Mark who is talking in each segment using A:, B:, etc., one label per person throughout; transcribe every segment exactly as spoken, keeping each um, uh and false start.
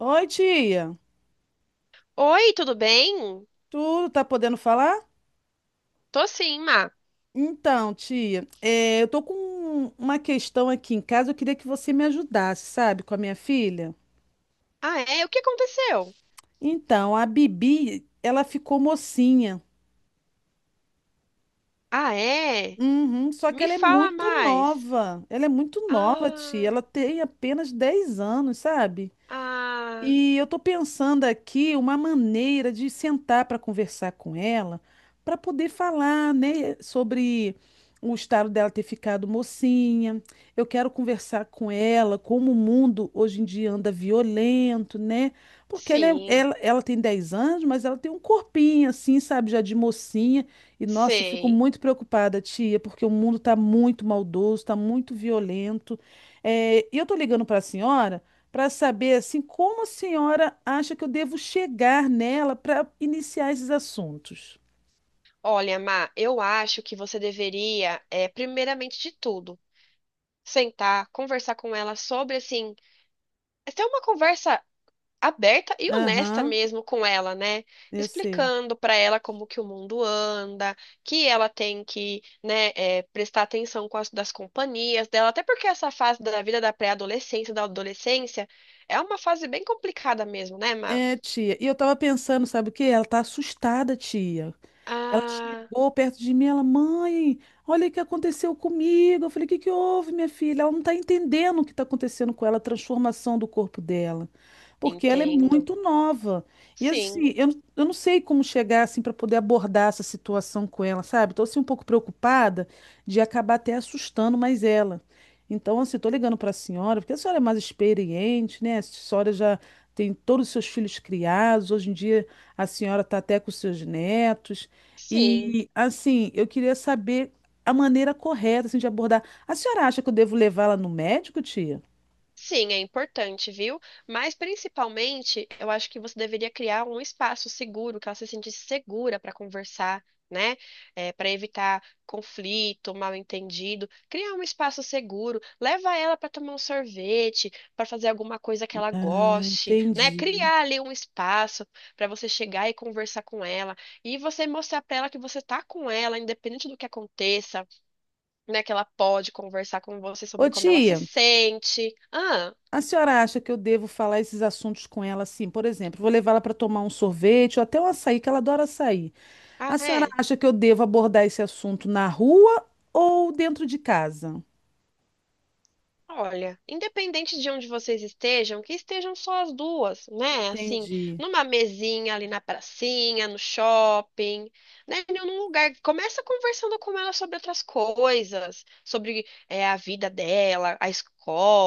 A: Oi, tia.
B: Oi, tudo bem?
A: Tu tá podendo falar?
B: Tô sim, Má.
A: Então, tia, eh, eu tô com uma questão aqui em casa. Eu queria que você me ajudasse, sabe, com a minha filha.
B: Ah, é? O que aconteceu?
A: Então, a Bibi, ela ficou mocinha.
B: Ah, é?
A: Uhum. Só que
B: Me
A: ela é
B: fala
A: muito
B: mais.
A: nova. Ela é muito nova, tia.
B: Ah,
A: Ela tem apenas dez anos, sabe?
B: ah,
A: E eu estou pensando aqui uma maneira de sentar para conversar com ela, para poder falar, né, sobre o estado dela ter ficado mocinha. Eu quero conversar com ela, como o mundo hoje em dia anda violento, né? Porque ela, é-
B: sim,
A: ela, ela tem dez anos, mas ela tem um corpinho assim, sabe, já de mocinha. E nossa, eu fico
B: sei.
A: muito preocupada, tia, porque o mundo está muito maldoso, está muito violento. É, e eu estou ligando para a senhora para saber assim como a senhora acha que eu devo chegar nela para iniciar esses assuntos.
B: Olha, Má, eu acho que você deveria, é, primeiramente de tudo, sentar, conversar com ela sobre, assim, ter uma conversa aberta e honesta
A: Aham,
B: mesmo com ela, né?
A: eu sei.
B: Explicando para ela como que o mundo anda, que ela tem que, né, é, prestar atenção com as das companhias dela, até porque essa fase da vida da pré-adolescência, da adolescência, é uma fase bem complicada mesmo, né, Má?
A: É, tia. E eu tava pensando, sabe o quê? Ela tá assustada, tia. Ela
B: Ah,
A: chegou perto de mim, ela, mãe, olha o que aconteceu comigo. Eu falei, o que que houve, minha filha? Ela não está entendendo o que está acontecendo com ela, a transformação do corpo dela. Porque ela é
B: entendo.
A: muito nova. E
B: Sim,
A: assim, eu, não- eu não sei como chegar assim para poder abordar essa situação com ela, sabe? Estou assim um pouco preocupada de acabar até assustando mais ela. Então, assim, estou ligando para a senhora, porque a senhora é mais experiente, né? A senhora já tem todos os seus filhos criados. Hoje em dia a senhora está até com os seus netos.
B: sim.
A: E assim, eu queria saber a maneira correta assim, de abordar. A senhora acha que eu devo levá-la no médico, tia?
B: Sim, é importante, viu? Mas principalmente, eu acho que você deveria criar um espaço seguro, que ela se sentisse segura para conversar, né? Para evitar conflito, mal-entendido. Criar um espaço seguro, leva ela para tomar um sorvete, para fazer alguma coisa que ela
A: Ah,
B: goste, né?
A: entendi.
B: Criar ali um espaço para você chegar e conversar com ela e você mostrar para ela que você tá com ela, independente do que aconteça, né? Que ela pode conversar com você
A: Ô,
B: sobre como ela se
A: tia,
B: sente. Ah.
A: a senhora acha que eu devo falar esses assuntos com ela assim? Por exemplo, vou levá-la para tomar um sorvete ou até um açaí, que ela adora açaí.
B: Ah,
A: A senhora
B: é?
A: acha que eu devo abordar esse assunto na rua ou dentro de casa?
B: Olha, independente de onde vocês estejam, que estejam só as duas, né? Assim,
A: Entendi.
B: numa mesinha ali na pracinha, no shopping, né? Em algum lugar. Começa conversando com ela sobre outras coisas, sobre é, a vida dela, a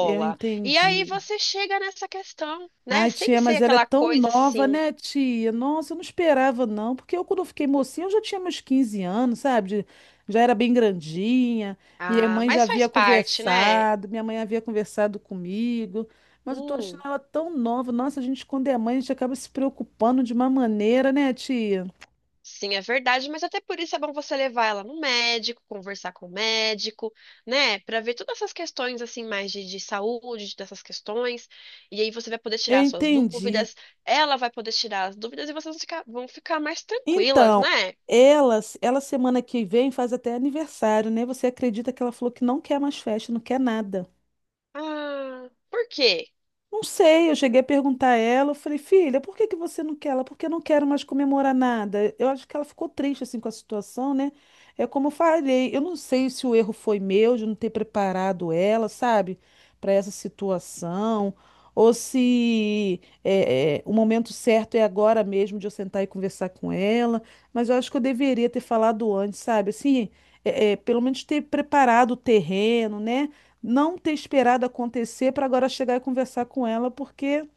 A: Eu
B: E aí
A: entendi.
B: você chega nessa questão, né?
A: Ai,
B: Sem
A: tia,
B: ser
A: mas ela é
B: aquela
A: tão
B: coisa
A: nova,
B: assim,
A: né, tia? Nossa, eu não esperava, não, porque eu, quando eu fiquei mocinha, eu já tinha meus quinze anos, sabe? De- Já era bem grandinha, minha
B: ah,
A: mãe já
B: mas faz
A: havia
B: parte, né?
A: conversado, minha mãe havia conversado comigo, mas eu tô achando
B: Hum.
A: ela tão nova. Nossa, a gente, quando é mãe, a gente acaba se preocupando de uma maneira, né, tia?
B: Sim, é verdade, mas até por isso é bom você levar ela no médico, conversar com o médico, né? Pra ver todas essas questões assim mais de, de saúde, dessas questões, e aí você vai poder
A: Eu
B: tirar suas
A: entendi.
B: dúvidas, ela vai poder tirar as dúvidas e vocês vão ficar, vão ficar mais tranquilas,
A: Então,
B: né?
A: ela, ela semana que vem faz até aniversário, né? Você acredita que ela falou que não quer mais festa, não quer nada?
B: Ah, por quê?
A: Não sei, eu cheguei a perguntar a ela, eu falei, filha, por que que você não quer ela? Porque eu não quero mais comemorar nada. Eu acho que ela ficou triste assim com a situação, né? É como eu falei, eu não sei se o erro foi meu de não ter preparado ela, sabe, para essa situação, ou se é, é, o momento certo é agora mesmo de eu sentar e conversar com ela. Mas eu acho que eu deveria ter falado antes, sabe? Assim, é, é, pelo menos ter preparado o terreno, né? Não ter esperado acontecer para agora chegar e conversar com ela, porque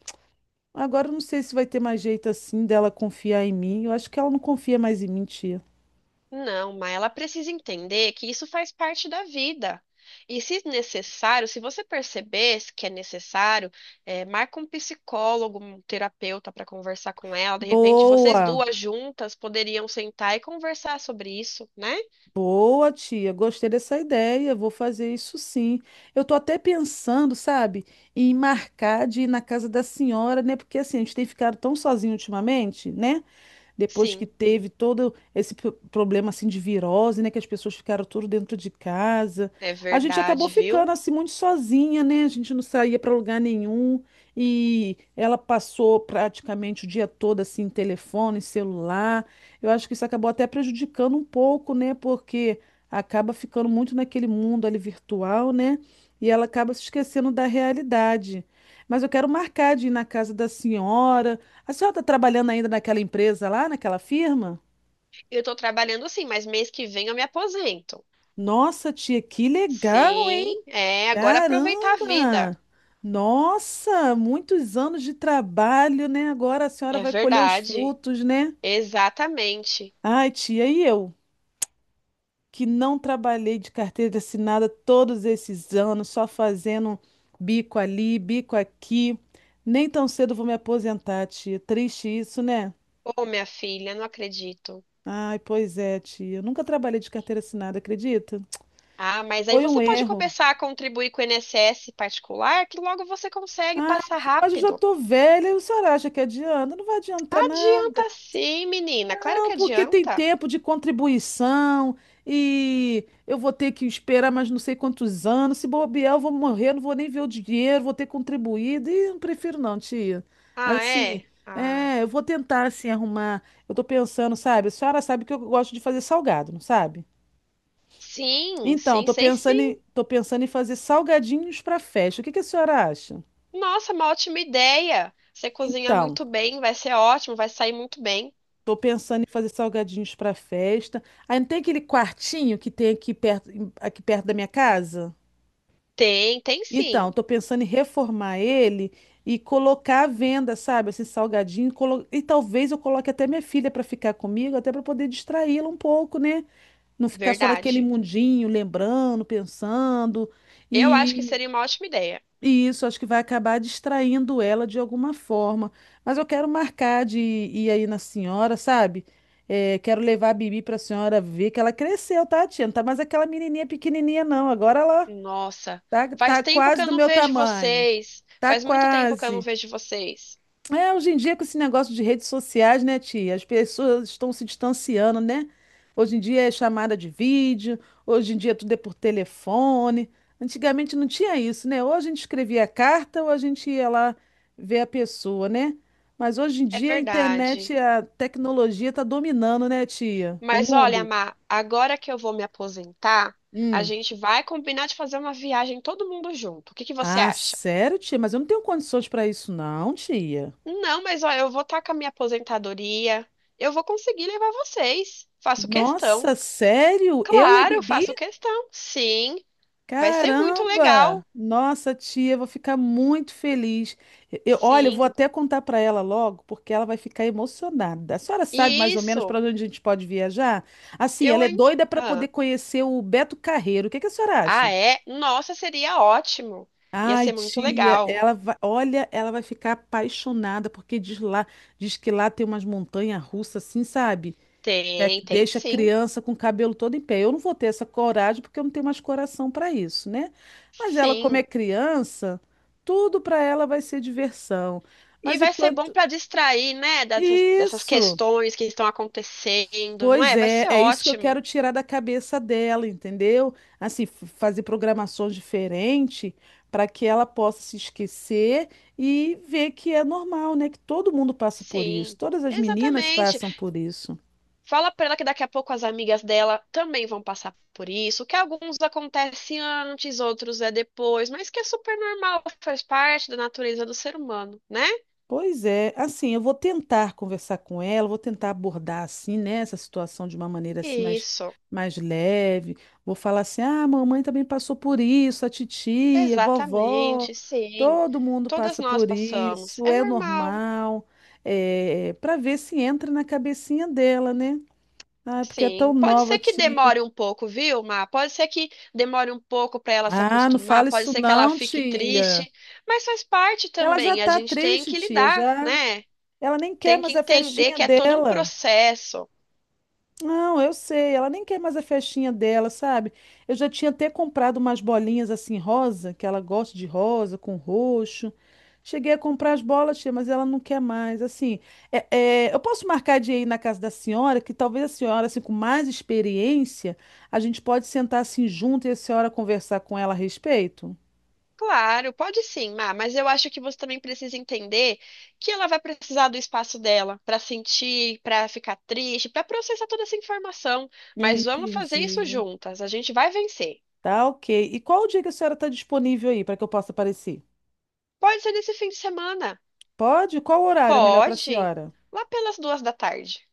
A: agora eu não sei se vai ter mais jeito assim dela confiar em mim. Eu acho que ela não confia mais em mim, tia.
B: Não, mas ela precisa entender que isso faz parte da vida. E se necessário, se você perceber que é necessário, é, marca um psicólogo, um terapeuta para conversar com ela. De repente, vocês
A: Boa,
B: duas juntas poderiam sentar e conversar sobre isso, né?
A: boa, tia. Gostei dessa ideia. Vou fazer isso sim. Eu tô até pensando, sabe, em marcar de ir na casa da senhora, né? Porque assim, a gente tem ficado tão sozinho ultimamente, né? Depois que
B: Sim,
A: teve todo esse pro- problema assim de virose, né, que as pessoas ficaram tudo dentro de casa.
B: é
A: A gente acabou
B: verdade, viu?
A: ficando assim muito sozinha, né? A gente não saía para lugar nenhum e ela passou praticamente o dia todo assim, telefone, celular. Eu acho que isso acabou até prejudicando um pouco, né? Porque acaba ficando muito naquele mundo ali virtual, né? E ela acaba se esquecendo da realidade. Mas eu quero marcar de ir na casa da senhora. A senhora está trabalhando ainda naquela empresa lá, naquela firma?
B: Eu tô trabalhando assim, mas mês que vem eu me aposento.
A: Nossa, tia, que legal, hein?
B: Sim, é, agora aproveitar a vida.
A: Caramba! Nossa, muitos anos de trabalho, né? Agora a senhora
B: É
A: vai colher os
B: verdade,
A: frutos, né?
B: exatamente.
A: Ai, tia, e eu, que não trabalhei de carteira assinada todos esses anos, só fazendo bico ali, bico aqui. Nem tão cedo vou me aposentar, tia. Triste isso, né?
B: Ô, minha filha, não acredito.
A: Ai, pois é, tia. Eu nunca trabalhei de carteira assinada, acredita?
B: Ah, mas aí
A: Foi um
B: você pode
A: erro.
B: começar a contribuir com o I N S S particular, que logo você consegue
A: Ah,
B: passar
A: tia, mas eu já
B: rápido.
A: tô velha e o senhor acha que adianta? Não vai adiantar nada.
B: Adianta sim, menina. Claro que
A: Não, porque tem
B: adianta.
A: tempo de contribuição e eu vou ter que esperar mais não sei quantos anos. Se bobear, eu vou morrer, não vou nem ver o dinheiro, vou ter contribuído. E não prefiro não, tia.
B: Ah,
A: Assim,
B: é? Ah,
A: é, eu vou tentar assim arrumar. Eu tô pensando, sabe? A senhora sabe que eu gosto de fazer salgado, não sabe?
B: sim,
A: Então,
B: sim,
A: tô
B: sei
A: pensando
B: sim.
A: em, tô pensando em fazer salgadinhos para festa. O que que a senhora acha?
B: Nossa, uma ótima ideia. Você cozinha
A: Então,
B: muito bem, vai ser ótimo, vai sair muito bem.
A: tô pensando em fazer salgadinhos para festa. Aí não tem aquele quartinho que tem aqui perto, em- aqui perto da minha casa?
B: Tem, tem sim.
A: Então, tô pensando em reformar ele e colocar à venda, sabe? Assim, salgadinho. colo- E talvez eu coloque até minha filha para ficar comigo, até para poder distraí-la um pouco, né? Não ficar só naquele
B: Verdade.
A: mundinho, lembrando, pensando.
B: Eu acho que
A: E
B: seria uma ótima ideia.
A: e isso acho que vai acabar distraindo ela de alguma forma. Mas eu quero marcar de ir aí na senhora, sabe? É, quero levar a Bibi para a senhora ver que ela cresceu, tá, tia? Não tá mais aquela menininha pequenininha, não. Agora ela
B: Nossa,
A: tá,
B: faz
A: tá
B: tempo que
A: quase
B: eu
A: do
B: não
A: meu
B: vejo
A: tamanho.
B: vocês.
A: Tá
B: Faz muito tempo que eu não
A: quase.
B: vejo vocês.
A: É, hoje em dia, com esse negócio de redes sociais, né, tia? As pessoas estão se distanciando, né? Hoje em dia é chamada de vídeo, hoje em dia tudo é por telefone. Antigamente não tinha isso, né? Ou a gente escrevia carta ou a gente ia lá ver a pessoa, né? Mas hoje em
B: É
A: dia a
B: verdade.
A: internet, a tecnologia está dominando, né, tia? O
B: Mas olha,
A: mundo.
B: Mar, agora que eu vou me aposentar, a
A: Hum.
B: gente vai combinar de fazer uma viagem todo mundo junto. O que que você
A: Ah,
B: acha?
A: sério, tia? Mas eu não tenho condições para isso, não, tia.
B: Não, mas olha, eu vou estar com a minha aposentadoria. Eu vou conseguir levar vocês. Faço questão.
A: Nossa, sério? Eu e a
B: Claro,
A: Bibi?
B: faço questão. Sim, vai ser muito legal.
A: Caramba! Nossa, tia, eu vou ficar muito feliz. Eu, olha, eu vou
B: Sim,
A: até contar para ela logo, porque ela vai ficar emocionada. A senhora sabe mais ou menos para
B: isso.
A: onde a gente pode viajar? Assim,
B: Eu,
A: ela é
B: hein?
A: doida para
B: Ah,
A: poder conhecer o Beto Carreiro. O que que a senhora
B: ah,
A: acha?
B: é? Nossa, seria ótimo. Ia
A: Ai,
B: ser muito
A: tia,
B: legal.
A: ela vai, olha, ela vai ficar apaixonada porque diz lá, diz que lá tem umas montanhas russas assim, sabe? É,
B: Tem, tem
A: deixa a
B: sim.
A: criança com o cabelo todo em pé. Eu não vou ter essa coragem porque eu não tenho mais coração para isso, né? Mas ela, como é
B: Sim.
A: criança, tudo para ela vai ser diversão.
B: E
A: Mas
B: vai ser bom
A: enquanto.
B: para distrair, né, dessas, dessas
A: Isso!
B: questões que estão acontecendo, não
A: Pois
B: é? Vai
A: é,
B: ser
A: é isso que eu
B: ótimo.
A: quero tirar da cabeça dela, entendeu? Assim, f- fazer programações diferentes para que ela possa se esquecer e ver que é normal, né? Que todo mundo passa por isso,
B: Sim,
A: todas as meninas
B: exatamente.
A: passam por isso.
B: Fala para ela que daqui a pouco as amigas dela também vão passar por isso, que alguns acontecem antes, outros é depois, mas que é super normal, faz parte da natureza do ser humano, né?
A: Pois é, assim, eu vou tentar conversar com ela, vou tentar abordar assim, né, essa situação de uma maneira assim mais,
B: Isso,
A: mais leve. Vou falar assim: "Ah, a mamãe também passou por isso, a titia, a vovó,
B: exatamente, sim.
A: todo mundo
B: Todas
A: passa
B: nós
A: por
B: passamos.
A: isso,
B: É
A: é
B: normal.
A: normal". É, para ver se entra na cabecinha dela, né? Ah, porque é tão
B: Sim, pode
A: nova,
B: ser que
A: tia.
B: demore um pouco, viu, Má? Pode ser que demore um pouco para ela se
A: Ah, não
B: acostumar,
A: fala
B: pode
A: isso
B: ser que ela
A: não,
B: fique
A: tia.
B: triste, mas faz parte
A: Ela já
B: também, a
A: tá
B: gente tem
A: triste,
B: que
A: tia,
B: lidar,
A: já.
B: né?
A: Ela nem quer
B: Tem que
A: mais a
B: entender
A: festinha
B: que é todo um
A: dela.
B: processo.
A: Não, eu sei, ela nem quer mais a festinha dela, sabe? Eu já tinha até comprado umas bolinhas assim rosa, que ela gosta de rosa com roxo. Cheguei a comprar as bolas, tia, mas ela não quer mais. Assim, é- é, eu posso marcar de ir na casa da senhora, que talvez a senhora, assim, com mais experiência, a gente pode sentar assim junto e a senhora conversar com ela a respeito?
B: Claro, pode sim, Má, mas eu acho que você também precisa entender que ela vai precisar do espaço dela para sentir, para ficar triste, para processar toda essa informação.
A: Eu
B: Mas vamos fazer isso
A: entendi.
B: juntas, a gente vai vencer.
A: Tá, ok. E qual o dia que a senhora está disponível aí para que eu possa aparecer?
B: Pode ser nesse fim de semana.
A: Pode? Qual horário é melhor para a
B: Pode,
A: senhora?
B: lá pelas duas da tarde.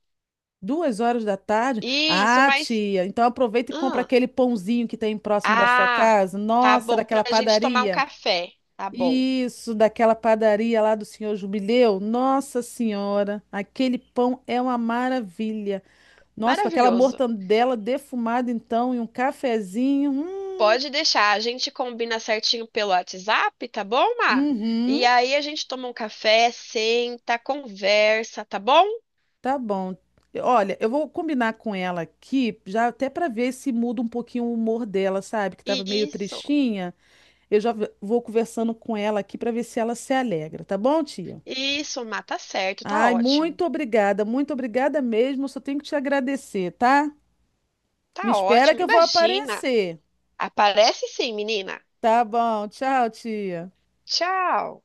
A: Duas horas da tarde?
B: Isso,
A: Ah,
B: mas.
A: tia, então aproveita e compra
B: Ah,
A: aquele pãozinho que tem próximo da sua
B: ah,
A: casa.
B: tá
A: Nossa,
B: bom pra
A: daquela
B: gente tomar um
A: padaria.
B: café. Tá bom.
A: Isso, daquela padaria lá do senhor Jubileu. Nossa Senhora, aquele pão é uma maravilha. Nossa, com aquela
B: Maravilhoso.
A: mortandela defumada, então, e um cafezinho. Hum.
B: Pode deixar, a gente combina certinho pelo WhatsApp, tá bom, Má? E
A: Uhum,
B: aí a gente toma um café, senta, conversa, tá bom?
A: tá bom. Olha, eu vou combinar com ela aqui, já até para ver se muda um pouquinho o humor dela, sabe? Que tava meio
B: Isso,
A: tristinha. Eu já v- vou conversando com ela aqui para ver se ela se alegra, tá bom, tia?
B: isso, Má, tá certo, tá
A: Ai,
B: ótimo.
A: muito obrigada, muito obrigada mesmo. Só tenho que te agradecer, tá? Me
B: Tá
A: espera
B: ótimo,
A: que eu vou
B: imagina.
A: aparecer.
B: Aparece sim, menina.
A: Tá bom, tchau, tia.
B: Tchau.